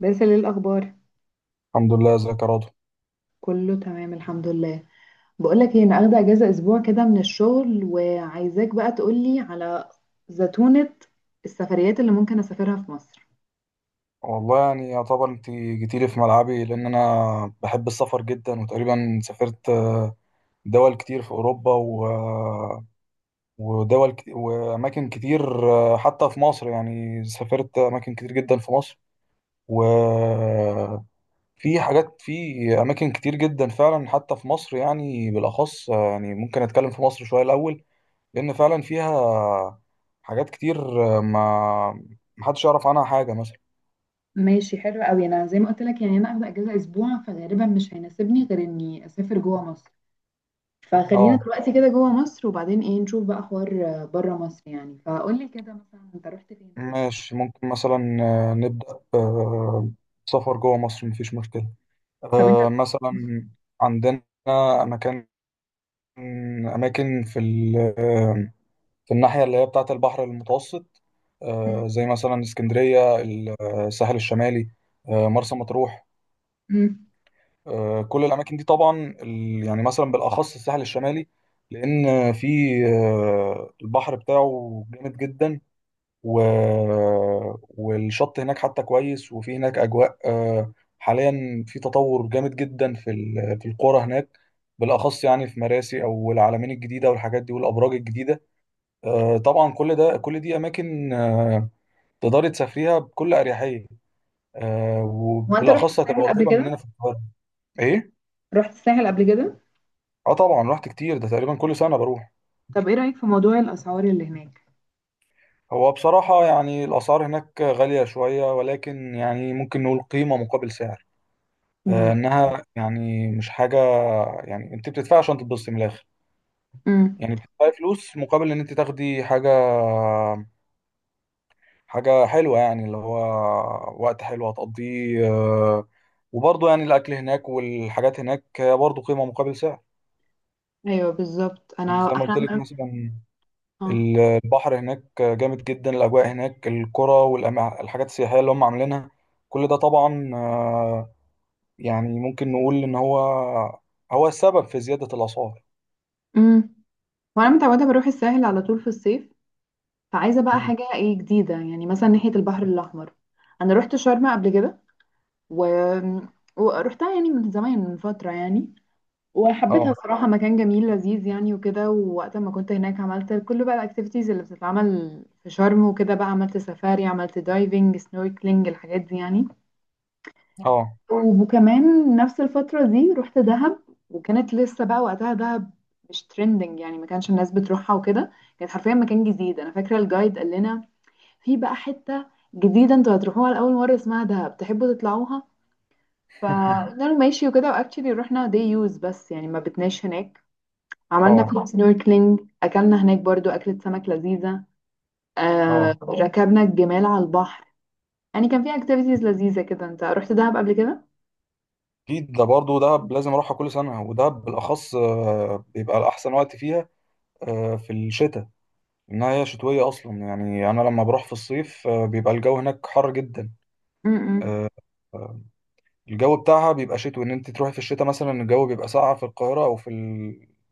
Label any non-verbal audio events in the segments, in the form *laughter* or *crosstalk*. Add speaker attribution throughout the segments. Speaker 1: بس ايه الاخبار؟
Speaker 2: الحمد لله. ازيك يا رضوى؟
Speaker 1: كله تمام الحمد لله. بقولك ايه، انا اخده اجازه اسبوع كده من الشغل، وعايزاك بقى تقولي على زتونه السفريات اللي ممكن اسافرها في مصر.
Speaker 2: والله يعني يعتبر انت جيتيلي في ملعبي، لان انا بحب السفر جدا، وتقريبا سافرت دول كتير في اوروبا واماكن كتير حتى في مصر. يعني سافرت اماكن كتير جدا في مصر، وفي حاجات في اماكن كتير جدا فعلا حتى في مصر، يعني بالاخص. يعني ممكن اتكلم في مصر شوية الاول، لان فعلا فيها حاجات كتير ما محدش يعرف عنها حاجة مثلا.
Speaker 1: ماشي، حلو قوي. انا زي ما قلت لك يعني انا اخده اجازه اسبوع، فغالبا مش هيناسبني غير اني اسافر جوه مصر. فخلينا
Speaker 2: اه،
Speaker 1: دلوقتي كده جوه مصر، وبعدين ايه نشوف بقى حوار بره مصر يعني. فقولي كده مثلا، انت رحت فين؟ طيب.
Speaker 2: ماشي. ممكن مثلا نبدأ آه، سفر جوه مصر، مفيش مشكلة.
Speaker 1: طب انت
Speaker 2: مثلا عندنا مكان أماكن في الناحية اللي هي بتاعة البحر المتوسط، زي مثلا اسكندرية، الساحل الشمالي، مرسى مطروح.
Speaker 1: مم.
Speaker 2: كل الأماكن دي طبعا، يعني مثلا بالأخص الساحل الشمالي، لأن في البحر بتاعه جامد جدا، و... والشط هناك حتى كويس، وفي هناك أجواء. حاليا في تطور جامد جدا في القرى هناك، بالأخص يعني في مراسي أو العلمين الجديدة والحاجات دي والأبراج الجديدة. طبعا كل دي أماكن تقدري تسافريها بكل أريحية،
Speaker 1: هو انت رحت
Speaker 2: وبالأخص هتبقى
Speaker 1: الساحل قبل
Speaker 2: قريبة
Speaker 1: كده؟
Speaker 2: مننا في القاهرة. إيه؟
Speaker 1: رحت الساحل قبل كده؟
Speaker 2: آه طبعا، رحت كتير، ده تقريبا كل سنة بروح.
Speaker 1: طب ايه رايك في موضوع الاسعار اللي هناك؟
Speaker 2: هو بصراحة يعني الأسعار هناك غالية شوية، ولكن يعني ممكن نقول قيمة مقابل سعر،
Speaker 1: امم
Speaker 2: انها يعني مش حاجه. يعني انت بتدفعي عشان تتبسطي من الاخر،
Speaker 1: امم
Speaker 2: يعني بتدفعي فلوس مقابل ان انت تاخدي حاجه، حاجه حلوه، يعني اللي هو وقت حلو هتقضيه، وبرضه يعني الاكل هناك والحاجات هناك برضه قيمه مقابل سعر.
Speaker 1: ايوه بالظبط،
Speaker 2: يعني
Speaker 1: انا
Speaker 2: زي ما
Speaker 1: احنا.
Speaker 2: قلت لك مثلا،
Speaker 1: اه.
Speaker 2: ال- البحر هناك جامد جدا، الاجواء هناك، القرى والحاجات السياحيه اللي هم عاملينها، كل ده طبعا، يعني ممكن نقول ان هو السبب في زياده الاسعار.
Speaker 1: امم وانا متعوده بروح الساحل على طول في الصيف، فعايزه بقى
Speaker 2: مم.
Speaker 1: حاجه ايه جديده، يعني مثلا ناحيه البحر الاحمر. انا رحت شرم قبل كده و... ورحتها يعني من زمان، من فتره يعني. وحبيتها
Speaker 2: اه،
Speaker 1: صراحه، مكان جميل لذيذ يعني، وكده. ووقت ما كنت هناك عملت كل بقى الاكتيفيتيز اللي بتتعمل في شرم وكده. بقى عملت سفاري، عملت دايفنج، سنوركلينج، الحاجات دي يعني.
Speaker 2: اه.
Speaker 1: وكمان نفس الفترة دي رحت دهب. وكانت لسه بقى وقتها دهب مش ترندنج يعني، ما كانش الناس بتروحها وكده. كانت حرفيا مكان جديد. انا فاكرة الجايد قال لنا في بقى حتة جديدة انتوا هتروحوها لأول مرة اسمها دهب، تحبوا تطلعوها؟
Speaker 2: *laughs*
Speaker 1: فقلنا له ماشي وكده، واكشلي رحنا. دي يوز بس يعني، ما بتناش هناك. عملنا
Speaker 2: اه،
Speaker 1: فيها سنوركلينج، اكلنا هناك برضو أكلة سمك لذيذة.
Speaker 2: اه.
Speaker 1: ركبنا الجمال على البحر. يعني كان في اكتيفيتيز لذيذة كده. انت رحت دهب قبل كده؟
Speaker 2: اكيد، ده برضه دهب لازم اروحها كل سنه، ودهب بالاخص بيبقى الاحسن وقت فيها في الشتاء. انها هي شتويه اصلا، يعني انا لما بروح في الصيف بيبقى الجو هناك حر جدا.
Speaker 1: م- م-
Speaker 2: آه، الجو بتاعها بيبقى شتوي، ان انت تروحي في الشتاء مثلا الجو بيبقى ساقع في القاهره او في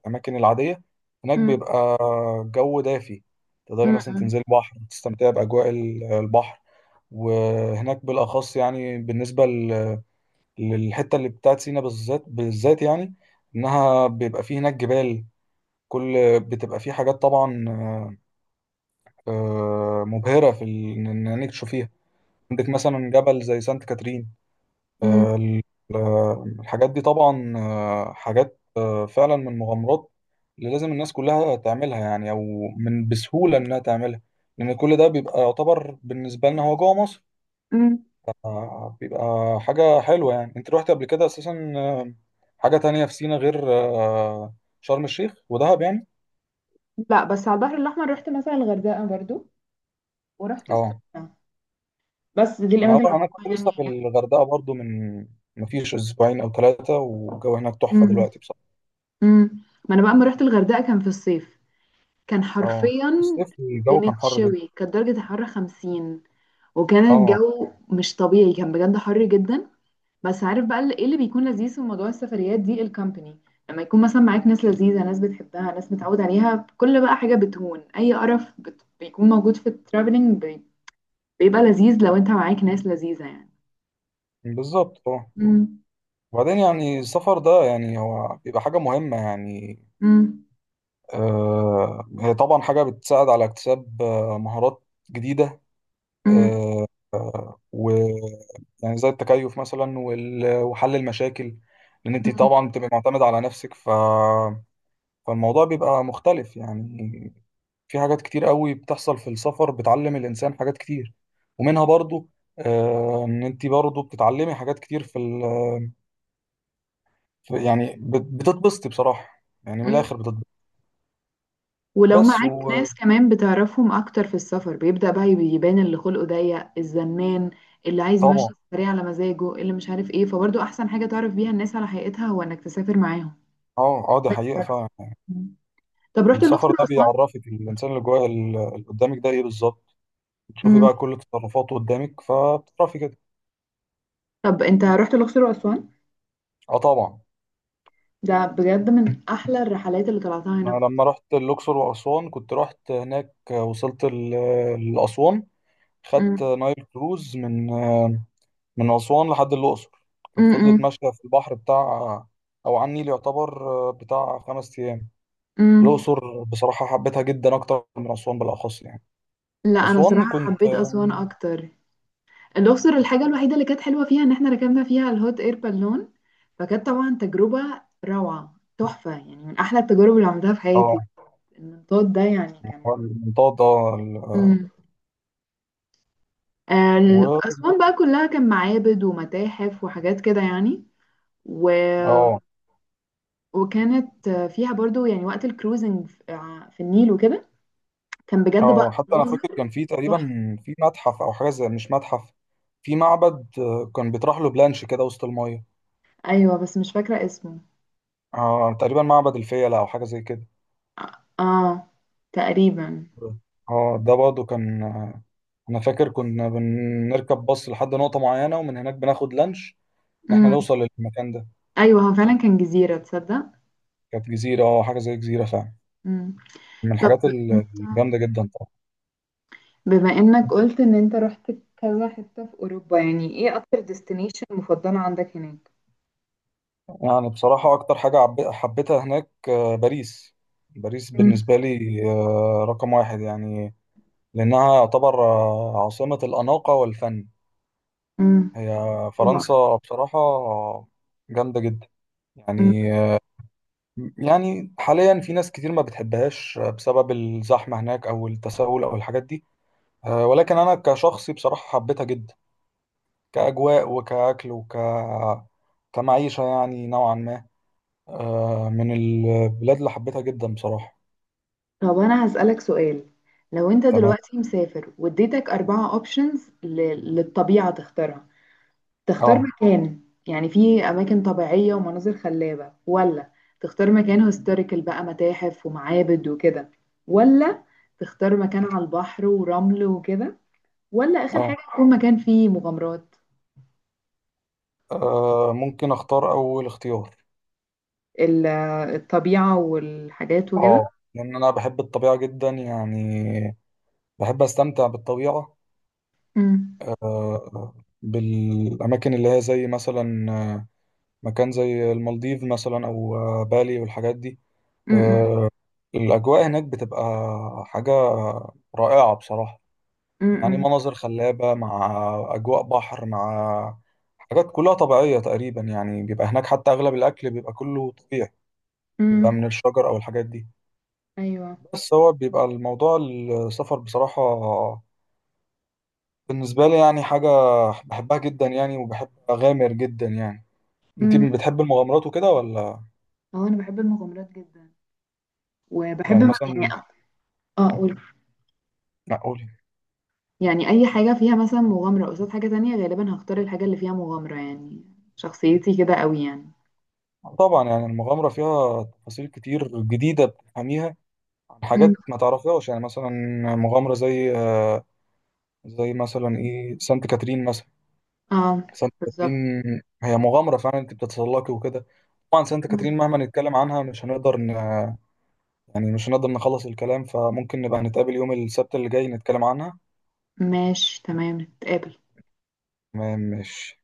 Speaker 2: الاماكن العاديه، هناك
Speaker 1: م-
Speaker 2: بيبقى جو دافي، تقدري مثلا
Speaker 1: م-
Speaker 2: تنزلي بحر تستمتعي باجواء البحر. وهناك بالاخص يعني بالنسبه للحته اللي بتاعت سينا، بالذات بالذات، يعني انها بيبقى فيه هناك جبال، كل بتبقى فيه حاجات طبعا مبهره ان إنك تشوفيها. عندك مثلا جبل زي سانت كاترين.
Speaker 1: م.
Speaker 2: آه، ال- الحاجات دي طبعا، حاجات فعلا من مغامرات اللي لازم الناس كلها تعملها، يعني او من بسهوله انها تعملها، لان كل ده بيبقى يعتبر بالنسبه لنا هو جوه مصر.
Speaker 1: مم.
Speaker 2: بيبقى حاجة حلوة. يعني انت رحت قبل كده اساسا حاجة تانية في سينا غير شرم الشيخ ودهب يعني؟
Speaker 1: لا، بس على البحر الأحمر رحت مثلا الغردقة برضو، ورحت
Speaker 2: اه،
Speaker 1: السخنة. بس دي الأماكن اللي
Speaker 2: انا
Speaker 1: رحتها
Speaker 2: كنت لسه
Speaker 1: يعني.
Speaker 2: في الغردقة برضو من مفيش اسبوعين او ثلاثة، والجو هناك تحفة
Speaker 1: مم.
Speaker 2: دلوقتي بصراحة.
Speaker 1: مم. ما أنا بقى لما رحت الغردقة كان في الصيف. كان
Speaker 2: اه،
Speaker 1: حرفيا
Speaker 2: الصيف الجو كان حر جدا.
Speaker 1: بنتشوي، كانت درجة الحرارة 50. وكان
Speaker 2: اه،
Speaker 1: الجو مش طبيعي، كان بجد حر جدا. بس عارف بقى، ايه اللي بيكون لذيذ في موضوع السفريات دي؟ الكامباني. لما يكون مثلا معاك ناس لذيذة، ناس بتحبها، ناس متعود عليها، كل بقى حاجة بتهون. أي قرف بيكون موجود في الترافلينج بيبقى لذيذ لو انت معاك ناس لذيذة يعني.
Speaker 2: بالظبط. اه،
Speaker 1: مم.
Speaker 2: وبعدين يعني السفر ده يعني هو بيبقى حاجة مهمة يعني.
Speaker 1: مم.
Speaker 2: هي طبعا حاجة بتساعد على اكتساب مهارات جديدة،
Speaker 1: مم.
Speaker 2: آه، و يعني زي التكيف مثلا وحل المشاكل، لان انت
Speaker 1: مم.
Speaker 2: طبعا بتبقى معتمد على نفسك فالموضوع بيبقى مختلف يعني. في حاجات كتير قوي بتحصل في السفر بتعلم الانسان حاجات كتير، ومنها برضو ان انت برضو بتتعلمي حاجات كتير في، يعني بتتبسطي بصراحة، يعني من
Speaker 1: مم.
Speaker 2: الاخر بتتبسطي.
Speaker 1: ولو
Speaker 2: بس
Speaker 1: معاك
Speaker 2: وطبعا.
Speaker 1: ناس كمان بتعرفهم اكتر في السفر، بيبدأ بقى يبان اللي خلقه ضيق، الزنان، اللي عايز يمشي السفرية على مزاجه، اللي مش عارف ايه. فبرضه احسن حاجة تعرف بيها الناس على حقيقتها هو انك تسافر معاهم.
Speaker 2: اه، اه، دي حقيقة
Speaker 1: بجد.
Speaker 2: فعلا.
Speaker 1: مم. طب رحت الأقصر
Speaker 2: السفر ده
Speaker 1: وأسوان؟
Speaker 2: بيعرفك الانسان اللي جوه، اللي قدامك ده ايه بالظبط، بتشوفي
Speaker 1: مم.
Speaker 2: بقى كل تصرفاته قدامك فبتعرفي كده.
Speaker 1: طب انت رحت الأقصر وأسوان؟
Speaker 2: اه طبعا،
Speaker 1: ده بجد من احلى الرحلات اللي طلعتها
Speaker 2: انا
Speaker 1: هنا في مصر.
Speaker 2: لما رحت الاقصر واسوان كنت رحت هناك وصلت لاسوان، خدت
Speaker 1: مم.
Speaker 2: نايل كروز من اسوان لحد الاقصر، كانت
Speaker 1: مم.
Speaker 2: فضلت
Speaker 1: مم.
Speaker 2: ماشيه في البحر بتاع، او على النيل يعتبر، بتاع 5 ايام.
Speaker 1: مم.
Speaker 2: الاقصر بصراحه حبيتها جدا اكتر من اسوان بالاخص، يعني
Speaker 1: لا، انا
Speaker 2: اسوان
Speaker 1: صراحة
Speaker 2: كنت
Speaker 1: حبيت أسوان اكتر. الأقصر، الحاجة الوحيدة اللي كانت حلوة فيها إن إحنا ركبنا فيها الهوت إير بالون. فكانت طبعا تجربة روعة، تحفة يعني، من أحلى التجارب اللي عملتها في حياتي. المنطاد ده يعني كان.
Speaker 2: المنطقه.
Speaker 1: مم.
Speaker 2: و
Speaker 1: أسوان بقى كلها كان معابد ومتاحف وحاجات كده يعني. و...
Speaker 2: اه
Speaker 1: وكانت فيها برضو يعني وقت الكروزنج في في النيل وكده. كان بجد بقى
Speaker 2: اه حتى انا
Speaker 1: مناظر
Speaker 2: فاكر كان في تقريبا
Speaker 1: تحفة.
Speaker 2: في متحف، او حاجه زي، مش متحف، في معبد كان بيطرح له بلانش كده وسط المايه.
Speaker 1: أيوة، بس مش فاكرة اسمه.
Speaker 2: اه، تقريبا معبد الفيلة او حاجه زي كده.
Speaker 1: آه آه، تقريبا.
Speaker 2: اه، ده برضه كان. انا فاكر كنا بنركب باص لحد نقطه معينه، ومن هناك بناخد لانش ان احنا
Speaker 1: مم.
Speaker 2: نوصل للمكان ده.
Speaker 1: أيوة، هو فعلا كان جزيرة، تصدق.
Speaker 2: كانت جزيره، اه، حاجه زي جزيره فعلا،
Speaker 1: مم.
Speaker 2: من
Speaker 1: طب
Speaker 2: الحاجات
Speaker 1: انت،
Speaker 2: الجامده جدا طبعا.
Speaker 1: بما انك قلت ان انت رحت كذا حتة في اوروبا، يعني ايه اكتر ديستنيشن مفضلة عندك هناك؟
Speaker 2: يعني بصراحه اكتر حاجه حبيتها هناك باريس. باريس
Speaker 1: مم.
Speaker 2: بالنسبه لي رقم واحد يعني، لأنها يعتبر عاصمة الأناقة والفن.
Speaker 1: مم.
Speaker 2: هي
Speaker 1: طبعا.
Speaker 2: فرنسا بصراحة جامدة جدا.
Speaker 1: مم.
Speaker 2: يعني آه، يعني حاليا في ناس كتير ما بتحبهاش بسبب الزحمة هناك أو التسول أو الحاجات دي. ولكن أنا كشخصي بصراحة حبيتها جدا، كأجواء وكأكل كمعيشة يعني نوعا ما. من البلاد اللي حبيتها جدا بصراحة.
Speaker 1: طب انا هسألك سؤال. لو انت
Speaker 2: تمام.
Speaker 1: دلوقتي مسافر، واديتك 4 اوبشنز للطبيعة تختارها. تختار
Speaker 2: اه،
Speaker 1: مكان، يعني في اماكن طبيعية ومناظر خلابة، ولا تختار مكان هيستوريكال بقى متاحف ومعابد وكده، ولا تختار مكان على البحر ورمل وكده، ولا آخر
Speaker 2: اه.
Speaker 1: حاجة يكون مكان فيه مغامرات؟
Speaker 2: ممكن اختار أول اختيار.
Speaker 1: ال- الطبيعة والحاجات وكده.
Speaker 2: اه، لان انا بحب الطبيعه جدا، يعني بحب استمتع بالطبيعه
Speaker 1: امم
Speaker 2: آه، آه، بالاماكن اللي هي زي مثلا مكان زي المالديف مثلا، او بالي والحاجات دي.
Speaker 1: امم
Speaker 2: آه، الاجواء هناك بتبقى حاجه رائعه بصراحه، يعني
Speaker 1: امم
Speaker 2: مناظر خلابه مع اجواء بحر، مع حاجات كلها طبيعيه تقريبا، يعني بيبقى هناك حتى اغلب الاكل بيبقى كله طبيعي، بيبقى
Speaker 1: امم
Speaker 2: من الشجر او الحاجات دي.
Speaker 1: ايوه.
Speaker 2: بس هو بيبقى الموضوع السفر بصراحه بالنسبة لي يعني حاجة بحبها جدا يعني، وبحب أغامر جدا يعني. أنت
Speaker 1: امم
Speaker 2: بتحب المغامرات وكده ولا؟
Speaker 1: اه، انا بحب المغامرات جدا. وبحب
Speaker 2: يعني
Speaker 1: يعني
Speaker 2: مثلا،
Speaker 1: اقول
Speaker 2: معقولة.
Speaker 1: يعني اي حاجة فيها مثلا مغامرة قصاد حاجة تانية، غالبا هختار الحاجة اللي فيها مغامرة يعني. شخصيتي كده قوي يعني.
Speaker 2: طبعا يعني المغامرة فيها تفاصيل كتير جديدة بتفهميها عن
Speaker 1: امم
Speaker 2: حاجات ما تعرفيهاش، يعني مثلا مغامرة زي زي مثلا إيه، سانت كاترين مثلا.
Speaker 1: اه،
Speaker 2: سانت كاترين
Speaker 1: بالظبط.
Speaker 2: هي مغامرة فعلا، أنت بتتسلقي وكده. طبعا سانت
Speaker 1: مم.
Speaker 2: كاترين مهما نتكلم عنها مش هنقدر يعني مش هنقدر نخلص الكلام، فممكن نبقى نتقابل يوم السبت اللي جاي نتكلم عنها.
Speaker 1: ماشي، تمام، نتقابل.
Speaker 2: مش